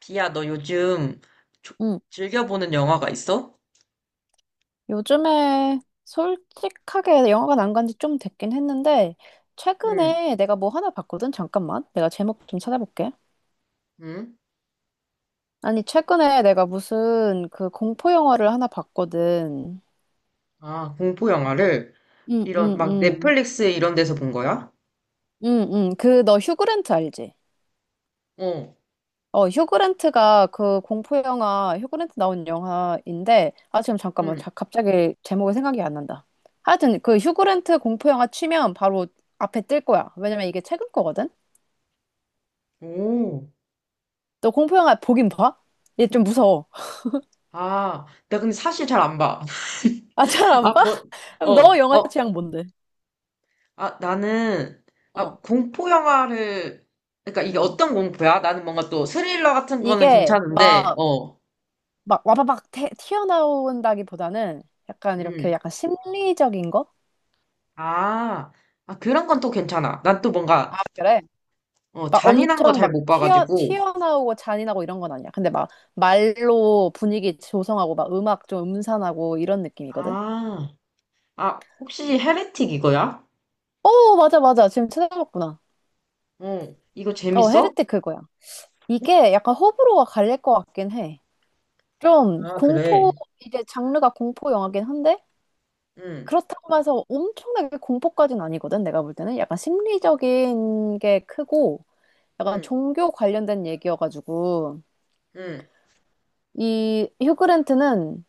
비야, 너 요즘 조- 음, 즐겨보는 영화가 있어? 요즘에 솔직하게 영화관 안 간지 좀 됐긴 했는데, 응, 최근에 내가 뭐 하나 봤거든? 잠깐만. 내가 제목 좀 찾아볼게. 응. 아니, 최근에 내가 무슨 그 공포 영화를 하나 봤거든. 아, 공포 영화를 응, 이런 응, 막 응. 넷플릭스 이런 데서 본 거야? 응, 응. 그, 너 휴그랜트 알지? 어, 어, 휴그랜트가 그 공포 영화, 휴그랜트 나온 영화인데, 아, 지금 잠깐만. 응. 자, 갑자기 제목이 생각이 안 난다. 하여튼 그 휴그랜트 공포 영화 치면 바로 앞에 뜰 거야. 왜냐면 이게 최근 거거든? 오. 너 공포 영화 보긴 봐? 얘 좀 무서워. 아, 나 근데 사실 잘 안 봐. 아, 잘 안 아, 봐? 뭐, 그럼 어, 너 영화 어. 취향 뭔데? 아, 나는 어, 아, 공포 영화를, 그러니까 이게 음. 어떤 공포야? 나는 뭔가 또 스릴러 같은 거는 이게 괜찮은데, 막, 어, 튀어나온다기보다는 약간 이렇게 음. 약간 심리적인 거? 아, 아 그런 건 또 괜찮아. 난 또 뭔가 아, 그래? 어, 막 잔인한 거 엄청 잘 막 못 튀어, 봐가지고. 튀어나오고 잔인하고 이런 건 아니야. 근데 막 말로 분위기 조성하고 막 음악 좀 음산하고 이런 느낌이거든? 아. 아, 혹시 헤레틱 이거야? 오, 맞아, 맞아. 지금 찾아봤구나. 어, 이거 어, 재밌어? 헤레틱 그거야. 이게 약간 호불호가 갈릴 것 같긴 해. 좀 아, 공포, 그래. 이게 장르가 공포 영화긴 한데, 응, 그렇다고 해서 엄청나게 공포까지는 아니거든, 내가 볼 때는. 약간 심리적인 게 크고, 약간 응, 종교 관련된 얘기여가지고, 응, 이 휴그랜트는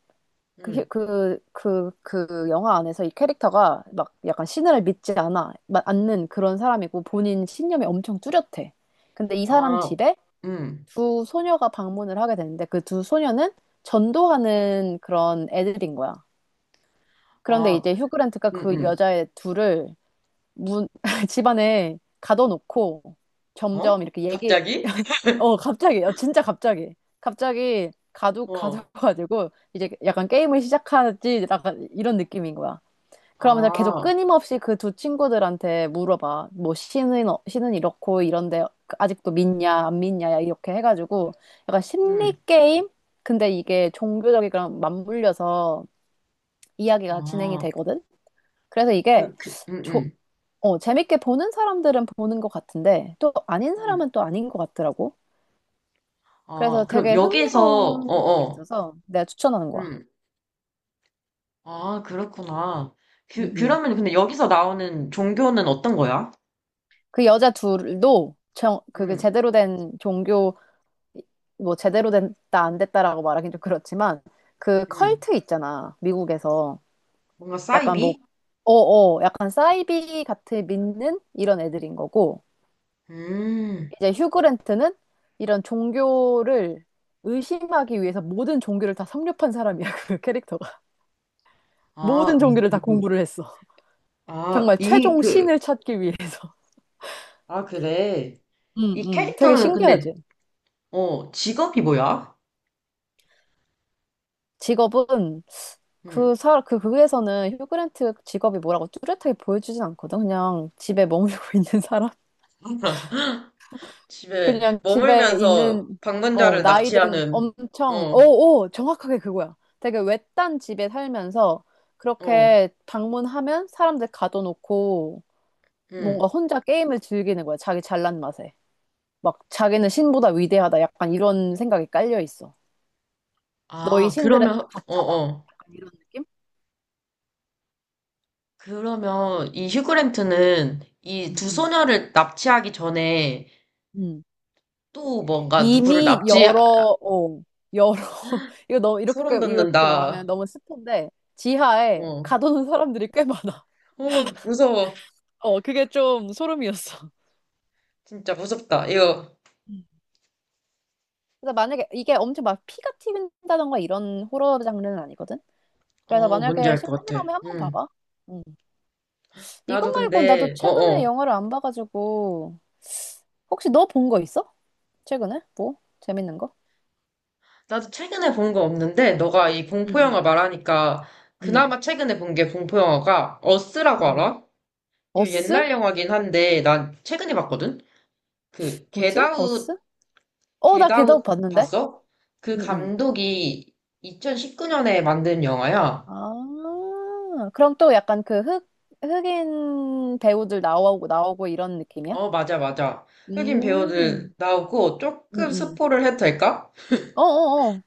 그, 휴- 응. 그, 그, 그 영화 안에서 이 캐릭터가 막 약간 신을 믿지 않아, 않는 그런 사람이고, 본인 신념이 엄청 뚜렷해. 근데 이 사람 아, 집에 응, 두 소녀가 방문을 하게 되는데, 그 두 소녀는 전도하는 그런 애들인 거야. 그런데 아, 이제 휴그랜트가 응, 그 응. 여자애 둘을 문, 집안에 가둬놓고 점점 어? 이렇게 얘기, 갑자기? 갑자기, 진짜 갑자기, 갑자기 가두, 어, 가둬가지고 이제 약간 게임을 시작하지, 약간 이런 느낌인 거야. 그러면서 계속 아, 끊임없이 그 두 친구들한테 물어봐. 뭐, 신은, 신은 이렇고 이런데 아직도 믿냐, 안 믿냐, 야, 이렇게 해가지고 약간 응, 심리 게임? 근데 이게 종교적이랑 맞물려서 이야기가 진행이 아, 되거든? 그래서 이게 응, 응, 재밌게 보는 사람들은 보는 것 같은데 또 아닌 응. 사람은 또 아닌 것 같더라고. 아, 그래서 그럼 되게 여기에서, 어, 흥미로운 점이 어, 있어서 내가 추천하는 거야. 응. 아, 그렇구나. 음, 그, 음. 그러면 근데 여기서 나오는 종교는 어떤 거야? 그 여자 둘도 정, 그게 응, 제대로 된 종교, 뭐 제대로 됐다 안 됐다라고 말하긴 좀 그렇지만 그 응. 컬트 있잖아, 미국에서. 뭔가 약간 뭐 사이비? 어어 약간 사이비 같은 믿는 이런 애들인 거고, 음, 이제 휴그랜트는 이런 종교를 의심하기 위해서 모든 종교를 다 섭렵한 사람이야, 그 캐릭터가. 아, 모든 종교를 다 공부를 했어. 아, 정말 이, 최종 그, 신을 찾기 위해서. 아, 그래. 응, 이 응. 되게 캐릭터는 근데, 신기하지? 어, 직업이 뭐야? 직업은, 응. 그 사, 그 극에서는 휴그랜트 직업이 뭐라고 뚜렷하게 보여주진 않거든. 그냥 집에 머물고 있는 사람? 집에 그냥 집에 머물면서 있는, 어, 방문자를 나이든 납치하는, 엄청, 어, 오, 오, 정확하게 그거야. 되게 외딴 집에 살면서 어, 그렇게 방문하면 사람들 가둬놓고 응. 뭔가 혼자 게임을 즐기는 거야. 자기 잘난 맛에. 막 자기는 신보다 위대하다. 약간 이런 생각이 깔려 있어. 너희 아, 신들은 그러면, 다 어, 가짜다. 어. 약간 이런 느낌? 그러면 이 휴그랜트는 이 음, 두 음, 소녀를 납치하기 전에 음. 또 뭔가 누구를 이미 납치, 여러, 이거 너무, 이렇게, 소름 이렇게 말하면 돋는다. 너무 스폰데, 지하에 어, 가둬놓은 사람들이 꽤 많아. 어, 무서워. 어, 그게 좀 소름이었어. 진짜 무섭다. 이거, 음. 그래서 만약에 이게 엄청 막 피가 튀긴다던가 이런 호러 장르는 아니거든? 그래서 어, 뭔지 만약에 알 것 같아. 심심하면 한번 응. 봐봐. 음. 이것 나도 말고 나도 근데, 최근에 어어. 영화를 안 봐가지고 혹시 너 본 거 있어? 최근에? 뭐? 재밌는 거? 나도 최근에 본 거 없는데, 너가 이 공포영화 응응응응. 말하니까, 그나마 최근에 본 게 공포영화가, 어스라고 알아? 이거 어스? 옛날 영화긴 한데, 난 최근에 봤거든? 그, 뭐지? 겟아웃, 어스? 어, 나 걔도 겟아웃 봤는데. 봤어? 그 응, 응. 감독이 2019년에 만든 영화야. 아, 그럼 또 약간 그 흑인 배우들 나오고 이런 느낌이야? 어, 맞아, 맞아. 흑인 음, 배우들 나오고, 응, 조금 응. 스포를 해도 될까? 어어어.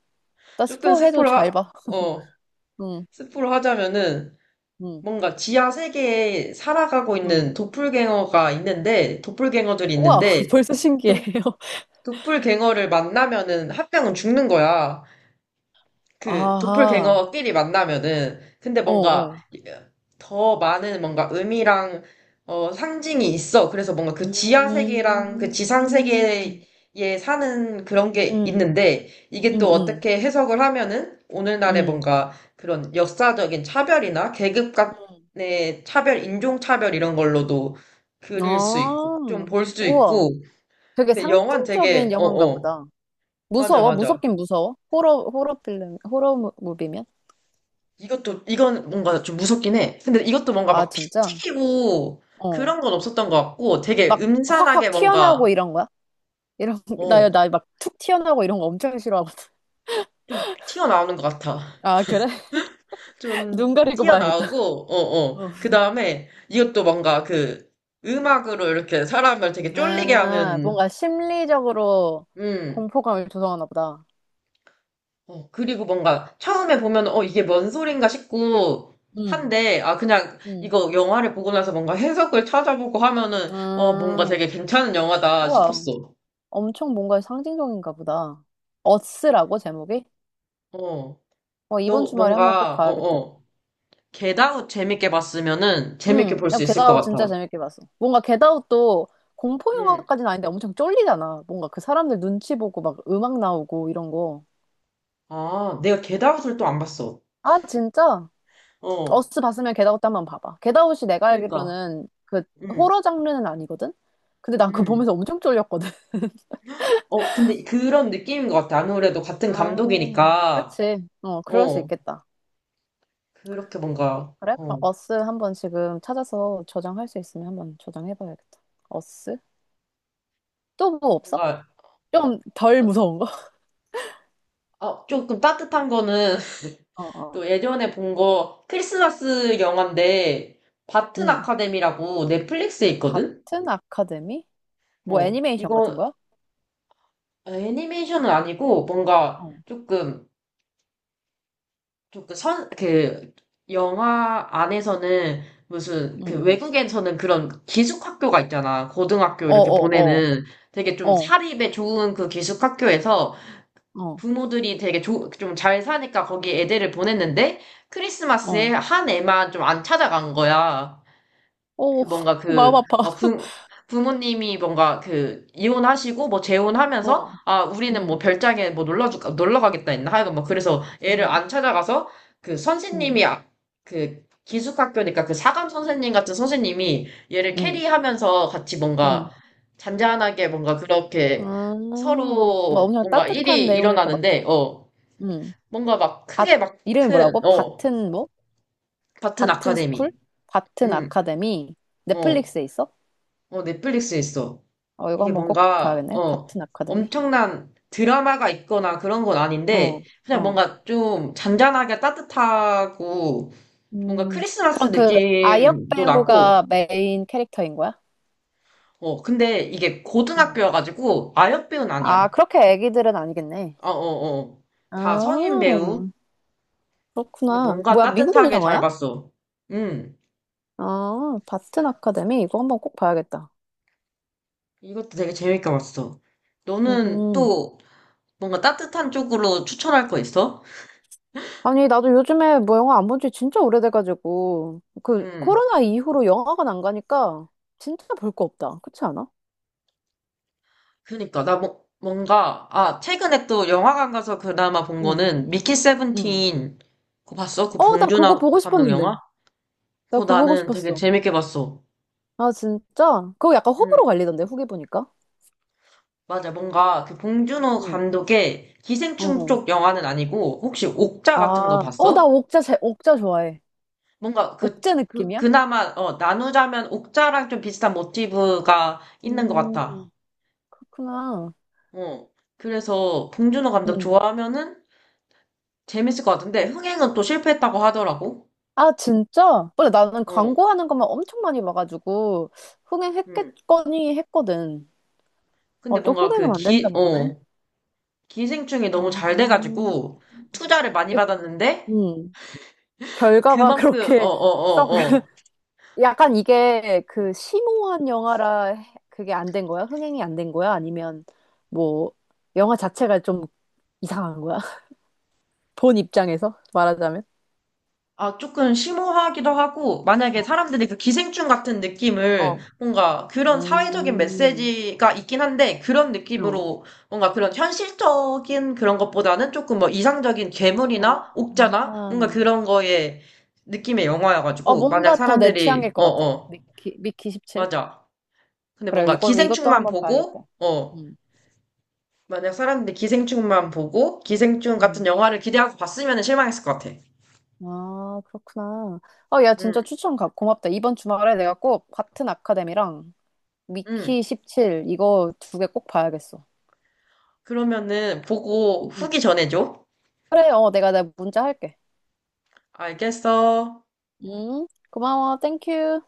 나 조금 스포해도 스포를, 잘 하, 봐. 어, 응, 스포를 하자면은, 응, 뭔가 지하 세계에 살아가고 응. 있는 도플갱어가 있는데, 도플갱어들이 우와, 있는데, 벌써 신기해요. 도, 도플갱어를 만나면은 한 명은 죽는 거야. 그 아하, 도플갱어끼리 만나면은 근데 어, 뭔가 어. 더 많은 뭔가 의미랑 어, 상징이 있어. 그래서 뭔가 그 지하 음, 세계랑 그 음, 지상 세계에 사는 그런 게 음, 있는데 이게 음, 또 음. 어떻게 해석을 하면은 오늘날의 음. 뭔가 그런 역사적인 차별이나 계급 간의 차별, 인종 차별 이런 걸로도 그릴 수 있고 아, 좀 볼 수 우와. 있고. 되게 근데 영화는 상징적인 되게 영화인가 어어 보다. 맞아 무서워? 맞아 무섭긴 무서워? 호러, 호러 필름, 호러 무비면? 이것도, 이건 뭔가 좀 무섭긴 해. 근데 이것도 뭔가 아, 막 피 진짜? 튀기고 어. 그런 건 없었던 것 같고 되게 막 음산하게 확확 뭔가, 튀어나오고 이런 거야? 이런, 나, 어, 나 막 툭 튀어나오고 이런 거 엄청 싫어하거든. 좀 튀어나오는 것 같아. 아, 그래? 좀 눈 가리고 봐야겠다. 튀어나오고, 어, 어. 어. 그 다음에 이것도 뭔가 그 음악으로 이렇게 사람을 되게 쫄리게 아, 하는, 뭔가 심리적으로 음, 공포감을 조성하나 보다. 어, 그리고 뭔가 처음에 보면, 어, 이게 뭔 소린가 싶고, 응, 한데, 아, 그냥 응. 이거 영화를 보고 나서 뭔가 해석을 찾아보고 하면은, 어, 뭔가 아, 되게 괜찮은 영화다 우와, 싶었어. 엄청 뭔가 상징적인가 보다. 어스라고 제목이? 어, 어, 이번 너 주말에 한번 꼭 뭔가, 어, 봐야겠다. 어, 겟아웃 재밌게 봤으면은 재밌게 응, 볼 나 수 있을 것 겟아웃 진짜 같아. 재밌게 봤어. 뭔가 겟아웃도 공포 응. 영화까지는 아닌데 엄청 쫄리잖아. 뭔가 그 사람들 눈치 보고 막 음악 나오고 이런 거. 아, 내가 겟아웃을 또 안 봤어. 아, 진짜? 어, 어스 봤으면 겟아웃도 한번 봐봐. 겟아웃이 내가 그러니까. 알기로는 그 응, 호러 장르는 아니거든? 근데 난 그거 응. 보면서 엄청 쫄렸거든. 어, 근데 그런 느낌인 것 같아. 아무래도 같은 아, 감독이니까. 그치. 어, 그럴 수 어, 있겠다. 그렇게 뭔가, 그래? 그럼 어, 어스 한번 지금 찾아서 저장할 수 있으면 한번 저장해봐야겠다. 어스? 또 뭐 없어? 뭔가, 좀 덜 아, 무서운 거? 아, 조금 따뜻한 거는 어, 어. 또 예전에 본 거 크리스마스 영화인데, 바튼 응. 아카데미라고 넷플릭스에 있거든? 같은 아카데미? 뭐 어, 애니메이션 같은 이거, 거야? 어, 애니메이션은 아니고 뭔가 어, 조금 조금 선 그 영화 안에서는 무슨 응, 그 응. 외국에서는 그런 기숙학교가 있잖아. 고등학교 어, 이렇게 어, 어, 보내는 되게 좀 어, 사립에 좋은 그 기숙학교에서 어, 부모들이 되게 좀 잘 사니까 거기 애들을 보냈는데 크리스마스에 어. 한 애만 좀 안 찾아간 거야. 그 오, 뭔가 마음 그, 아파. 막 부모님이 뭔가 그, 이혼하시고 뭐 재혼하면서, 어, 아, 우리는 뭐 응, 별장에 뭐 놀러 가겠다 했나? 하여간 뭐 그래서 애를 응, 안 찾아가서 그 응, 선생님이, 아- 그 기숙학교니까 그 사감 선생님 같은 선생님이 얘를 응, 캐리하면서 같이 뭔가 응. 잔잔하게 뭔가 그렇게 아, 뭔가 서로 엄청 뭔가 따뜻한 일이 내용일 것 일어나는데, 같아. 어, 응. 뭔가 막 밭, 크게 막 이름이 큰, 뭐라고? 어, 밭은 뭐? 같은 바튼 아카데미. 스쿨? 바튼 음, 아카데미? 어. 넷플릭스에 있어? 어, 넷플릭스에 있어. 어, 이거 이게 한번 꼭 뭔가, 봐야겠네. 어, 바튼 아카데미? 엄청난 드라마가 있거나 그런 건 아닌데, 어, 그냥 어. 뭔가 좀 잔잔하게 따뜻하고, 뭔가 음, 크리스마스 그럼 그 아역 느낌도 나고, 배우가 메인 캐릭터인 거야? 어, 근데 이게 응. 고등학교여가지고, 아역 배우는 아, 아니야. 그렇게 애기들은 아니겠네. 어, 어, 어. 아, 다 성인 배우. 근데 그렇구나. 뭔가 뭐야, 미국 따뜻하게 잘 영화야? 봤어. 음, 아, 바튼 아카데미? 이거 한번 꼭 봐야겠다. 이것도 되게 재밌게 봤어. 너는 음. 또 뭔가 따뜻한 쪽으로 추천할 거 있어? 아니, 나도 요즘에 뭐 영화 안 본지 진짜 오래돼가지고, 그, 음. 코로나 이후로 영화관 안 가니까 진짜 볼 거 없다. 그렇지 않아? 그니까 나 뭐, 뭔가 아 최근에 또 영화관 가서 그나마 본 거는 미키 응. 세븐틴 그거 봤어? 그 어, 나 그거 봉준호 보고 감독 영화? 싶었는데. 나 그거 그거 보고 나는 되게 싶었어. 재밌게 봤어. 아, 진짜? 그거 약간 응 호불호 갈리던데, 후기 보니까. 맞아 뭔가 그 봉준호 응. 감독의 기생충 어. 쪽 영화는 아니고 혹시 옥자 같은 거 아, 어, 나 봤어? 옥자, 제, 옥자 좋아해. 뭔가 그, 옥자 그 느낌이야? 그나마 어 나누자면 옥자랑 좀 비슷한 모티브가 있는 것 같아. 음, 그렇구나. 어 그래서 봉준호 감독 음. 좋아하면은 재밌을 것 같은데 흥행은 또 실패했다고 하더라고. 아, 진짜? 원래 나는 어. 광고하는 것만 엄청 많이 봐가지고, 음. 흥행했겠거니 했거든. 근데 어, 또 뭔가 그 흥행은 안 된다 기, 보네. 어, 기생충이 너무 잘 어. 돼가지고 투자를 많이 받았는데 음, 결과가 그만큼, 어, 그렇게 어, 썩. 어, 어. 약간 이게 그 심오한 영화라 해- 그게 안 된 거야? 흥행이 안 된 거야? 아니면 뭐 영화 자체가 좀 이상한 거야? 본 입장에서 말하자면? 아, 조금 심오하기도 하고, 만약에 사람들이 그 기생충 같은 어. 느낌을 어. 뭔가 그런 사회적인 음. 메시지가 있긴 한데, 그런 어. 느낌으로 뭔가 그런 현실적인 그런 것보다는 조금 뭐 이상적인 아, 괴물이나 옥자나 뭔가 그런 거의 느낌의 어, 영화여가지고, 만약 뭔가 더 내 사람들이, 취향일 것 어, 같아. 어, 미키 17? 맞아. 근데 그래, 뭔가 이거, 이것도 기생충만 한번 보고, 봐야겠다. 어, 음. 만약 사람들이 기생충만 보고 기생충 같은 음. 영화를 기대하고 봤으면 실망했을 것 같아. 아, 그렇구나. 어, 야, 진짜 음, 추천 가, 고맙다. 이번 주말에 내가 꼭 같은 아카데미랑 음. 미키 17 이거 두 개 꼭 봐야겠어. 그러면은 보고 응. 후기 전해줘. 그래, 어, 내가 내 문자 할게. 알겠어. 고마워, 땡큐.